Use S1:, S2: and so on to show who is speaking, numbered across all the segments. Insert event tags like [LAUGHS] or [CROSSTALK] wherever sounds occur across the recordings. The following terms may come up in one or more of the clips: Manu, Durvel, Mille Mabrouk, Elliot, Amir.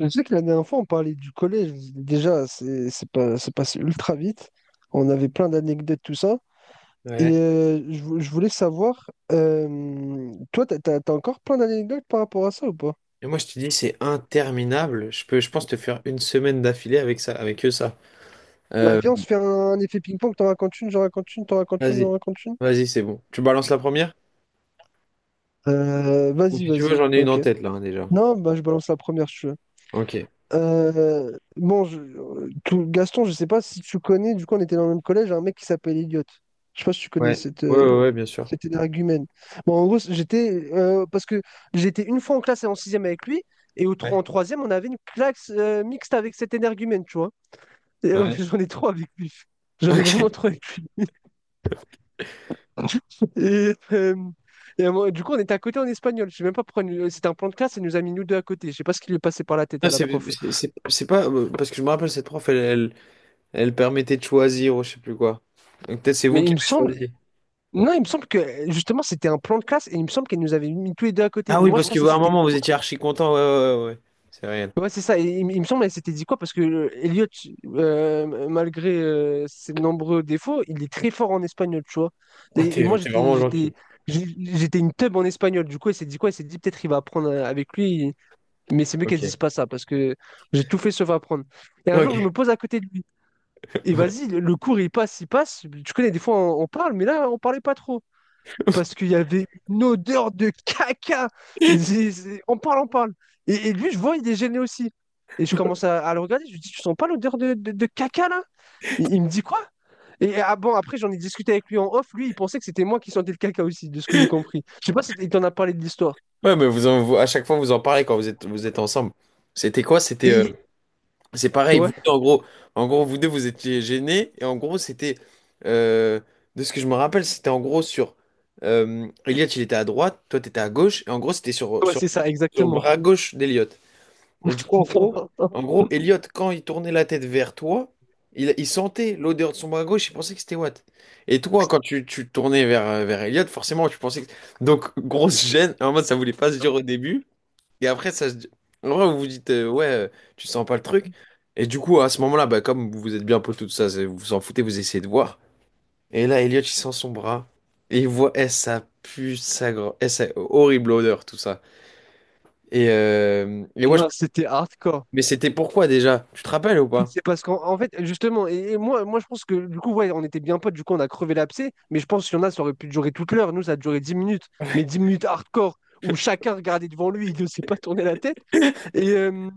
S1: Je sais que la dernière fois, on parlait du collège. Déjà, c'est pas, c'est passé ultra vite. On avait plein d'anecdotes, tout ça.
S2: Ouais.
S1: Et je voulais savoir, toi, t'as encore plein d'anecdotes par rapport à ça ou pas?
S2: Et moi, je te dis, c'est interminable. Je pense, te faire une semaine d'affilée avec ça, avec eux, ça.
S1: Bah,
S2: Euh,
S1: viens, on se fait effet ping-pong. T'en racontes une, j'en raconte une, t'en racontes une, j'en
S2: vas-y,
S1: raconte une.
S2: vas-y, c'est bon. Tu balances la première?
S1: Euh,
S2: Ou
S1: vas-y,
S2: si tu veux,
S1: vas-y.
S2: j'en ai une en
S1: Ok.
S2: tête, là, hein, déjà.
S1: Non, bah, je balance la première.
S2: Ok.
S1: Bon, Gaston, je sais pas si tu connais, du coup, on était dans le même collège, un mec qui s'appelle Elliot. Je sais pas si tu connais
S2: Ouais. Ouais, ouais, ouais, bien sûr.
S1: cet énergumène. Bon, en gros, j'étais. Parce que j'étais une fois en classe en sixième avec lui, et
S2: Ouais.
S1: en troisième, on avait une classe mixte avec cet énergumène, tu vois.
S2: Ouais.
S1: [LAUGHS]
S2: [LAUGHS]
S1: J'en ai trop avec lui. J'en ai
S2: Ok.
S1: vraiment trop avec lui. Et, euh, du coup, on était à côté en espagnol. Je sais même pas pourquoi. C'était un plan de classe, et elle nous a mis nous deux à côté. Je sais pas ce qui lui est passé par la tête
S2: Non,
S1: à la prof.
S2: C'est pas... Parce que je me rappelle, cette prof, elle permettait de choisir ou je sais plus quoi. Donc peut-être c'est vous
S1: Mais
S2: qui
S1: il me
S2: avez
S1: semble.
S2: choisi.
S1: Non, il me semble que justement c'était un plan de classe et il me semble qu'elle nous avait mis tous les deux à côté.
S2: Ah
S1: Mais
S2: oui,
S1: moi je
S2: parce qu'à
S1: pensais que
S2: un
S1: c'était.
S2: moment, vous étiez archi content. Ouais, ouais, ouais, ouais. C'est réel.
S1: Ouais, c'est ça. Et il me semble qu'elle s'était dit quoi? Parce que Elliot, malgré ses nombreux défauts, il est très fort en espagnol, tu vois.
S2: Ah,
S1: Et moi
S2: t'es vraiment gentil.
S1: j'étais une teub en espagnol. Du coup, elle s'est dit quoi? Elle s'est dit peut-être il va apprendre avec lui. Mais c'est mieux qu'elle se dise
S2: Ok.
S1: pas ça parce que j'ai tout fait sauf apprendre. Et un jour je
S2: Ok.
S1: me pose à côté de lui. Et vas-y, le cours il passe, il passe. Tu connais, des fois on parle, mais là on parlait pas trop, parce qu'il y avait une odeur de caca.
S2: [LAUGHS]
S1: On parle, on parle. Et lui, je vois, il est gêné aussi. Et je commence à le regarder, je lui dis, tu sens pas l'odeur de caca là? Il me dit quoi? Et ah bon, après j'en ai discuté avec lui en off, lui il pensait que c'était moi qui sentais le caca aussi, de ce que j'ai
S2: Ouais.
S1: compris. Je sais pas si il t'en a parlé de l'histoire.
S2: Ouais, mais à chaque fois, vous en parlez quand vous êtes ensemble. C'était quoi?
S1: Et
S2: C'est pareil, vous
S1: ouais,
S2: deux, en gros, vous deux, vous étiez gênés, et en gros, euh, de ce que je me rappelle, c'était en gros sur, Elliot, il était à droite, toi, t'étais à gauche, et en gros, c'était sur,
S1: ouais,
S2: sur,
S1: c'est ça,
S2: sur le
S1: exactement.
S2: bras gauche d'Elliot. Et du coup, en
S1: [LAUGHS]
S2: gros, Elliot, quand il tournait la tête vers toi, il sentait l'odeur de son bras gauche, il pensait que c'était Watt. Et toi, quand tu tournais vers, vers Elliot, forcément, tu pensais que... Donc, grosse gêne, en mode, ça voulait pas se dire au début. Et après, En vrai, vous vous dites, ouais, tu sens pas le truc. Et du coup, à ce moment-là, bah, comme vous êtes bien potes, tout ça, vous vous en foutez, vous essayez de voir. Et là, Elliot, il sent son bras. Et il voit, eh, ça pue, ça grand. Eh, ça... horrible odeur, tout ça. Et ouais,
S1: Ah, c'était hardcore.
S2: mais c'était pourquoi déjà? Tu te rappelles ou pas?
S1: C'est parce qu'en fait, justement, et moi, moi je pense que du coup, ouais, on était bien potes, du coup, on a crevé l'abcès, mais je pense qu'il y en a, ça aurait pu durer toute l'heure. Nous, ça a duré 10 minutes, mais 10 minutes hardcore, où chacun regardait devant lui, il ne s'est pas tourné la tête. Et, euh,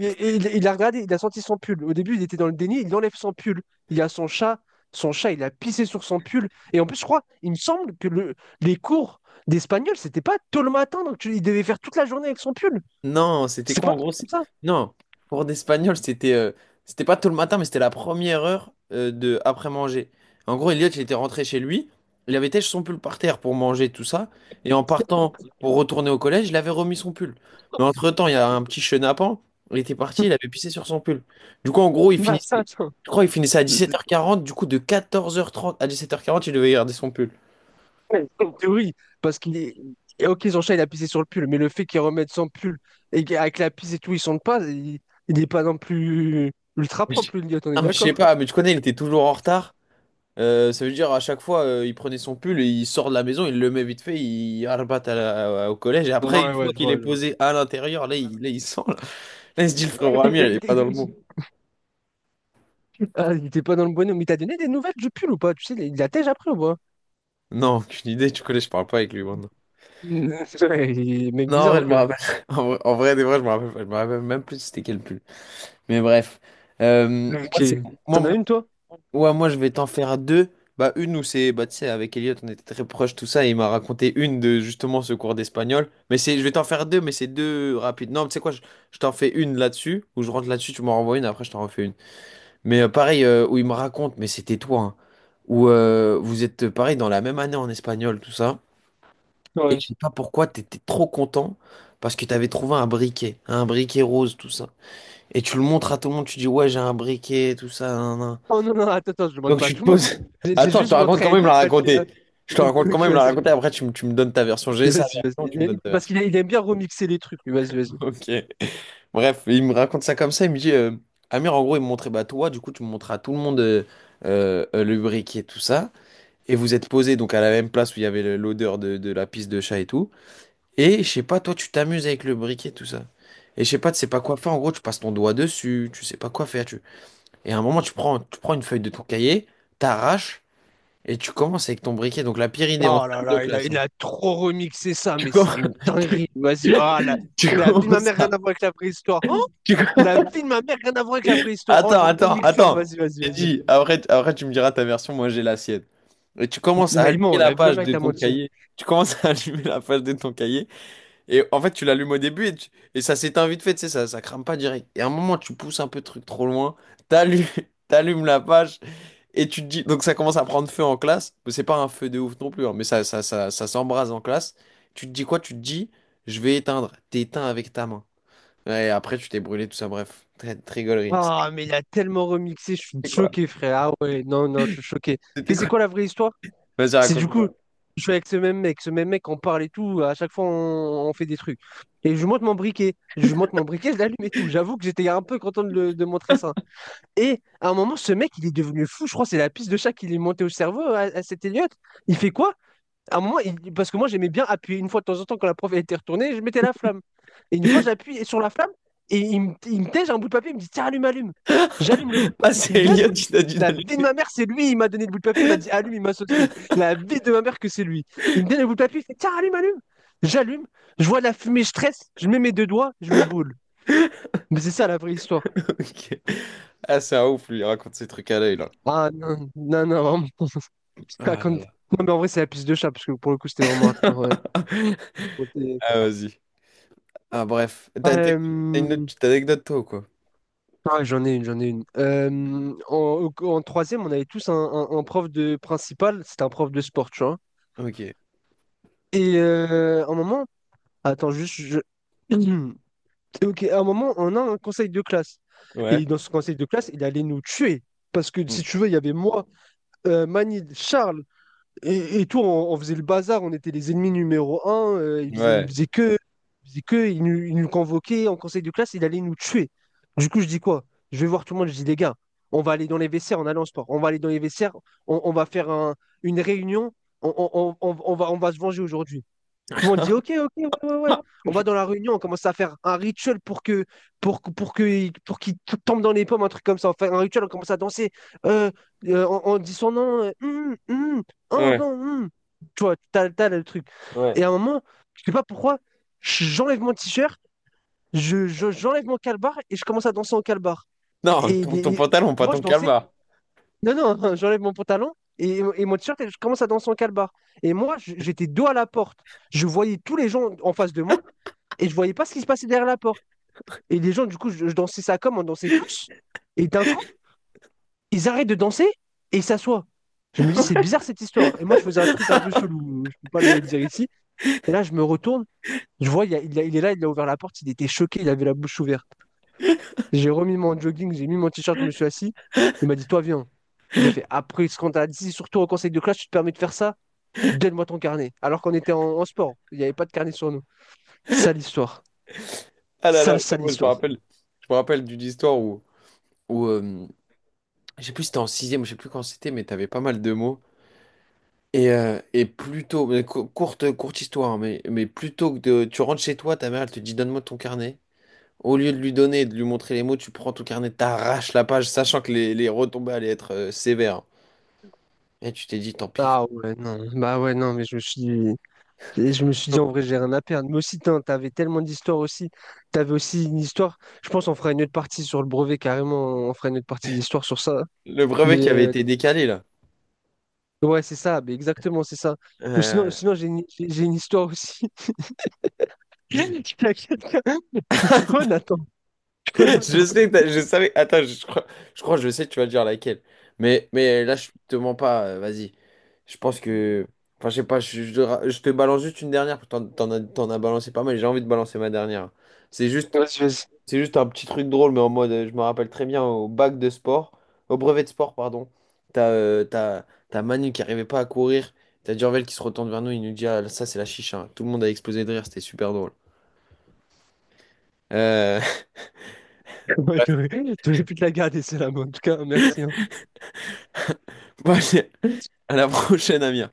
S1: il a regardé, il a senti son pull. Au début, il était dans le déni, il enlève son pull. Il y a son chat, il a pissé sur son pull. Et en plus, je crois, il me semble que les cours d'espagnol, c'était pas tôt le matin, donc il devait faire toute la journée avec son pull.
S2: Non, c'était
S1: C'est
S2: quoi
S1: pas un
S2: en gros?
S1: truc comme ça.
S2: Non, cours d'espagnol, c'était c'était pas tout le matin, mais c'était la première heure de après manger. En gros, Elliot, il était rentré chez lui, il avait têché son pull par terre pour manger tout ça, et en partant
S1: [LAUGHS]
S2: pour retourner au collège, il avait remis son pull. Mais entre-temps, il y a un petit chenapan, il était parti, il avait pissé sur son pull. Du coup, en gros,
S1: Bah,
S2: je crois, il finissait à 17h40, du coup, de 14h30 à 17h40, il devait garder son pull.
S1: ouais, en théorie, parce qu'il est. Et ok, son chat, il a pissé sur le pull, mais le fait qu'il remette son pull et qu'avec la pisse et tout, il sente pas, il n'est pas non plus ultra propre, le Elliot, on
S2: Ah,
S1: est
S2: mais je sais
S1: d'accord.
S2: pas, mais tu connais, il était toujours en retard. Ça veut dire à chaque fois, il prenait son pull, et il sort de la maison, il le met vite fait, il arbat à au collège. Et après, une fois qu'il est posé à l'intérieur, là, là, il sent. Là, il se dit, le
S1: Ouais,
S2: frérot
S1: il
S2: Amir, il
S1: il-
S2: est pas dans
S1: il-
S2: le bon.
S1: il- ah, il était pas dans le bonhomme. Mais t'as donné des nouvelles du pull ou pas? Tu sais, il la tège après ou pas?
S2: Non, aucune idée, tu connais, je parle pas avec lui maintenant.
S1: [LAUGHS] Ouais, il est mec
S2: Non, en
S1: bizarre
S2: vrai,
S1: un
S2: je me
S1: peu.
S2: rappelle. [LAUGHS] En vrai, des vrais, je me rappelle pas. Je me rappelle même plus c'était quel pull. Mais bref. Euh, moi,
S1: Ok.
S2: c'est moi,
S1: T'en as
S2: moi,
S1: une, toi?
S2: ouais, moi je vais t'en faire deux. Bah une où c'est bah tu sais avec Elliot on était très proches tout ça et il m'a raconté une de justement ce cours d'espagnol. Mais c'est je vais t'en faire deux mais c'est deux rapides. Non, tu sais quoi, je t'en fais une là-dessus où je rentre là-dessus, tu m'en renvoies une après je t'en refais une. Mais pareil où il me raconte mais c'était toi hein, où vous êtes pareil dans la même année en espagnol tout ça et
S1: Ouais.
S2: je sais pas pourquoi t'étais trop content parce que t'avais trouvé un briquet rose tout ça. Et tu le montres à tout le monde, tu dis ouais, j'ai un briquet tout ça. Nan, nan.
S1: Oh non, non, attends, attends, je demande
S2: Donc
S1: pas à
S2: tu te
S1: tout le monde.
S2: poses. [LAUGHS]
S1: J'ai
S2: Attends, je te
S1: juste
S2: raconte
S1: montré à
S2: quand même
S1: Elliot,
S2: la
S1: il a fait.
S2: raconter. Je te
S1: [LAUGHS]
S2: raconte quand
S1: Ok,
S2: même la
S1: vas-y,
S2: raconter. Après, tu me donnes ta version. J'ai sa
S1: vas-y,
S2: version,
S1: vas-y.
S2: tu me
S1: Vas-y.
S2: donnes ta
S1: Parce
S2: version.
S1: qu'il aime bien remixer les trucs, lui, vas-y,
S2: [LAUGHS]
S1: vas-y.
S2: Ok. Bref, il me raconte ça comme ça. Il me dit, Amir, en gros, il me montrait, bah toi, du coup, tu me montras à tout le monde le briquet, tout ça. Et vous êtes posé donc à la même place où il y avait l'odeur de la pisse de chat et tout. Et je sais pas, toi, tu t'amuses avec le briquet, tout ça. Et je sais pas, tu sais pas quoi faire. En gros, tu passes ton doigt dessus, tu sais pas quoi faire. Tu... Et à un moment, tu prends une feuille de ton cahier, t'arraches. Et tu commences avec ton briquet, donc la pire idée en
S1: Oh là
S2: salle de
S1: là, il a,
S2: classe.
S1: il
S2: Hein.
S1: a trop remixé ça,
S2: Tu
S1: mais c'est
S2: commences,
S1: une
S2: [LAUGHS] tu,
S1: dinguerie. Vas-y, ah, la,
S2: tu
S1: la vie de ma
S2: commences
S1: mère, rien
S2: ça.
S1: à voir avec la préhistoire. Oh,
S2: Tu com-
S1: la vie de ma mère, rien à voir avec la préhistoire. Oh,
S2: Attends,
S1: le
S2: attends,
S1: remixeur,
S2: attends.
S1: vas-y, vas-y,
S2: J'ai
S1: vas-y.
S2: dit,
S1: Vas-y.
S2: après tu me diras ta version, moi j'ai la sienne. Et tu commences à
S1: Bah,
S2: allumer
S1: il ment,
S2: la
S1: la vie de ma
S2: page
S1: mère, il
S2: de
S1: t'a
S2: ton
S1: menti.
S2: cahier. Tu commences à [LAUGHS] allumer la page de ton cahier. Et en fait, tu l'allumes au début et, et ça s'éteint vite fait, tu sais, ça crame pas direct. Et à un moment, tu pousses un peu le truc trop loin. T'allumes, [LAUGHS] t'allumes la page. Et tu te dis, donc ça commence à prendre feu en classe, mais c'est pas un feu de ouf non plus, hein, mais ça s'embrase en classe. Tu te dis quoi? Tu te dis, je vais éteindre. T'éteins avec ta main. Ouais, et après, tu t'es brûlé, tout ça, bref. Très gaulerie.
S1: Ah, mais il a tellement remixé, je suis
S2: C'était quoi?
S1: choqué, frère. Ah ouais, non, non, je suis choqué.
S2: C'était
S1: Mais c'est
S2: quoi?
S1: quoi la vraie histoire?
S2: Vas-y,
S1: C'est du coup,
S2: raconte-moi.
S1: je suis avec ce même mec, on parle et tout, à chaque fois on fait des trucs. Et je monte mon briquet, je l'allume et tout. J'avoue que j'étais un peu content de montrer ça. Et à un moment, ce mec, il est devenu fou, je crois, c'est la piste de chat qui lui est montée au cerveau à cet Elliot. Il fait quoi? À un moment, parce que moi j'aimais bien appuyer une fois de temps en temps quand la prof elle était retournée, je mettais la flamme. Et une fois,
S2: [LAUGHS]
S1: j'appuie sur la flamme et il me tège un bout de papier, il me dit, tiens, allume, allume. J'allume le bout de
S2: Ah,
S1: papier
S2: c'est
S1: qu'il me donne.
S2: Elliot, qui t'a dit
S1: La
S2: d'aller.
S1: vie de ma mère, c'est lui, il m'a donné le bout de papier, il m'a dit allume, il m'a saucé.
S2: [LAUGHS]
S1: La vie de ma mère que c'est lui. Il me donne le bout de papier, il fait tiens, allume, allume. J'allume, je vois la fumée, je stresse, je mets mes deux doigts, je me brûle. Mais c'est ça la vraie histoire.
S2: Ok. Ah, c'est un ouf, lui, il raconte ses trucs à l'œil, là.
S1: Ah non, non, non, vraiment. Je
S2: Ah là
S1: raconte-
S2: là.
S1: Non, mais en vrai, c'est la piste de chat, parce que pour le coup, c'était vraiment hardcore. Ouais.
S2: [LAUGHS]
S1: Côté-
S2: Ah, vas-y. Ah, bref. T'as
S1: Euh,
S2: une autre petite anecdote, toi, ou quoi?
S1: J'en ai une, j'en ai une. En troisième, on avait tous un prof de principal, c'était un prof de sport, tu vois.
S2: Ok.
S1: Et un moment, attends, juste, [CLEARS THROAT] Ok, à un moment, on a un conseil de classe.
S2: Ouais.
S1: Et dans ce conseil de classe, il allait nous tuer. Parce que si
S2: Hmm.
S1: tu veux, il y avait moi, Manid, Charles et tout. On faisait le bazar, on était les ennemis numéro un.
S2: Ouais.
S1: Il faisait que, il nous convoquait en conseil de classe, il allait nous tuer. Du coup, je dis quoi? Je vais voir tout le monde, je dis les gars, on va aller dans les vestiaires en allant au sport. On va aller dans les vestiaires, on va faire une réunion, on va se venger aujourd'hui. Tout le monde dit ok, ok, ouais, ouais, ouais. On va dans
S2: [LAUGHS]
S1: la réunion, on commence à faire un rituel pour qu'il tombe dans les pommes, un truc comme ça. On fait un rituel, on commence à danser. Euh, on dit son nom. Oh
S2: Ouais,
S1: non. Tu vois, t'as le truc.
S2: ouais.
S1: Et à un moment, je sais pas pourquoi, j'enlève mon t-shirt, j'enlève mon calbar et je commence à danser en calbar.
S2: Non,
S1: Et
S2: ton, ton
S1: les-
S2: pantalon, pas
S1: moi, je
S2: ton
S1: dansais,
S2: calmar.
S1: non, non, [LAUGHS] j'enlève mon pantalon et mon t-shirt et je commence à danser en calbar. Et moi, j'étais dos à la porte. Je voyais tous les gens en face de moi et je voyais pas ce qui se passait derrière la porte. Et les gens, du coup, je dansais ça comme on dansait tous. Et d'un coup, ils arrêtent de danser et ils s'assoient. Je me dis, c'est bizarre cette histoire. Et moi, je faisais un truc un peu chelou, je peux pas le dire ici. Et là, je me retourne, je vois, il est là, il a ouvert la porte, il était choqué, il avait la bouche ouverte. J'ai remis mon jogging, j'ai mis mon t-shirt, je me suis assis. Il m'a dit, toi, viens. Il a fait, après ce qu'on t'a dit, surtout en conseil de classe, tu te permets de faire ça? Donne-moi ton carnet. Alors qu'on était en sport, il n'y avait pas de carnet sur nous. Sale histoire.
S2: Ah là là,
S1: Sale,
S2: ouais,
S1: sale
S2: moi,
S1: histoire.
S2: je me rappelle d'une histoire où, où je sais plus si c'était en sixième, je sais plus quand c'était, mais t'avais pas mal de mots. Et plutôt, mais courte, courte histoire, hein, mais plutôt que de, tu rentres chez toi, ta mère, elle te dit donne-moi ton carnet. Au lieu de lui donner et de lui montrer les mots, tu prends ton carnet, t'arraches la page, sachant que les retombées allaient être sévères. Et tu t'es dit, tant pis.
S1: Ah ouais, non. Bah ouais, non, mais je me suis dit, en vrai, j'ai rien à perdre. Mais aussi, tain, t'avais tellement d'histoires aussi. T'avais aussi une histoire. Je pense qu'on fera une autre partie sur le brevet, carrément. On fera une autre partie d'histoire sur ça.
S2: Le brevet
S1: Mais
S2: qui avait été décalé,
S1: ouais, c'est ça. Mais exactement, c'est ça. Ou sinon,
S2: là.
S1: sinon j'ai une histoire aussi. [LAUGHS] T'inquiète, je suis Jonathan,
S2: [LAUGHS] Je
S1: Jonathan.
S2: sais que je savais. Attends, je crois que je sais que tu vas dire laquelle. Mais là, je te mens pas. Vas-y. Je pense que. Enfin, je sais pas. Je te balance juste une dernière. T'en as balancé pas mal. J'ai envie de balancer ma dernière. C'est juste,
S1: Vas-y, vas-y.
S2: c'est juste un petit truc drôle, mais en mode. Je me rappelle très bien au bac de sport. Au brevet de sport, pardon. T'as euh, t'as, t'as Manu qui arrivait pas à courir. T'as Durvel qui se retourne vers nous. Il nous dit ah, ça, c'est la chicha. Tout le monde a explosé de rire. C'était super drôle. Euh...
S1: Ouais, t'aurais pu te la garder, celle-là, mais en tout cas, merci,
S2: [LAUGHS] Bon, allez,
S1: hein.
S2: à la prochaine, Amir.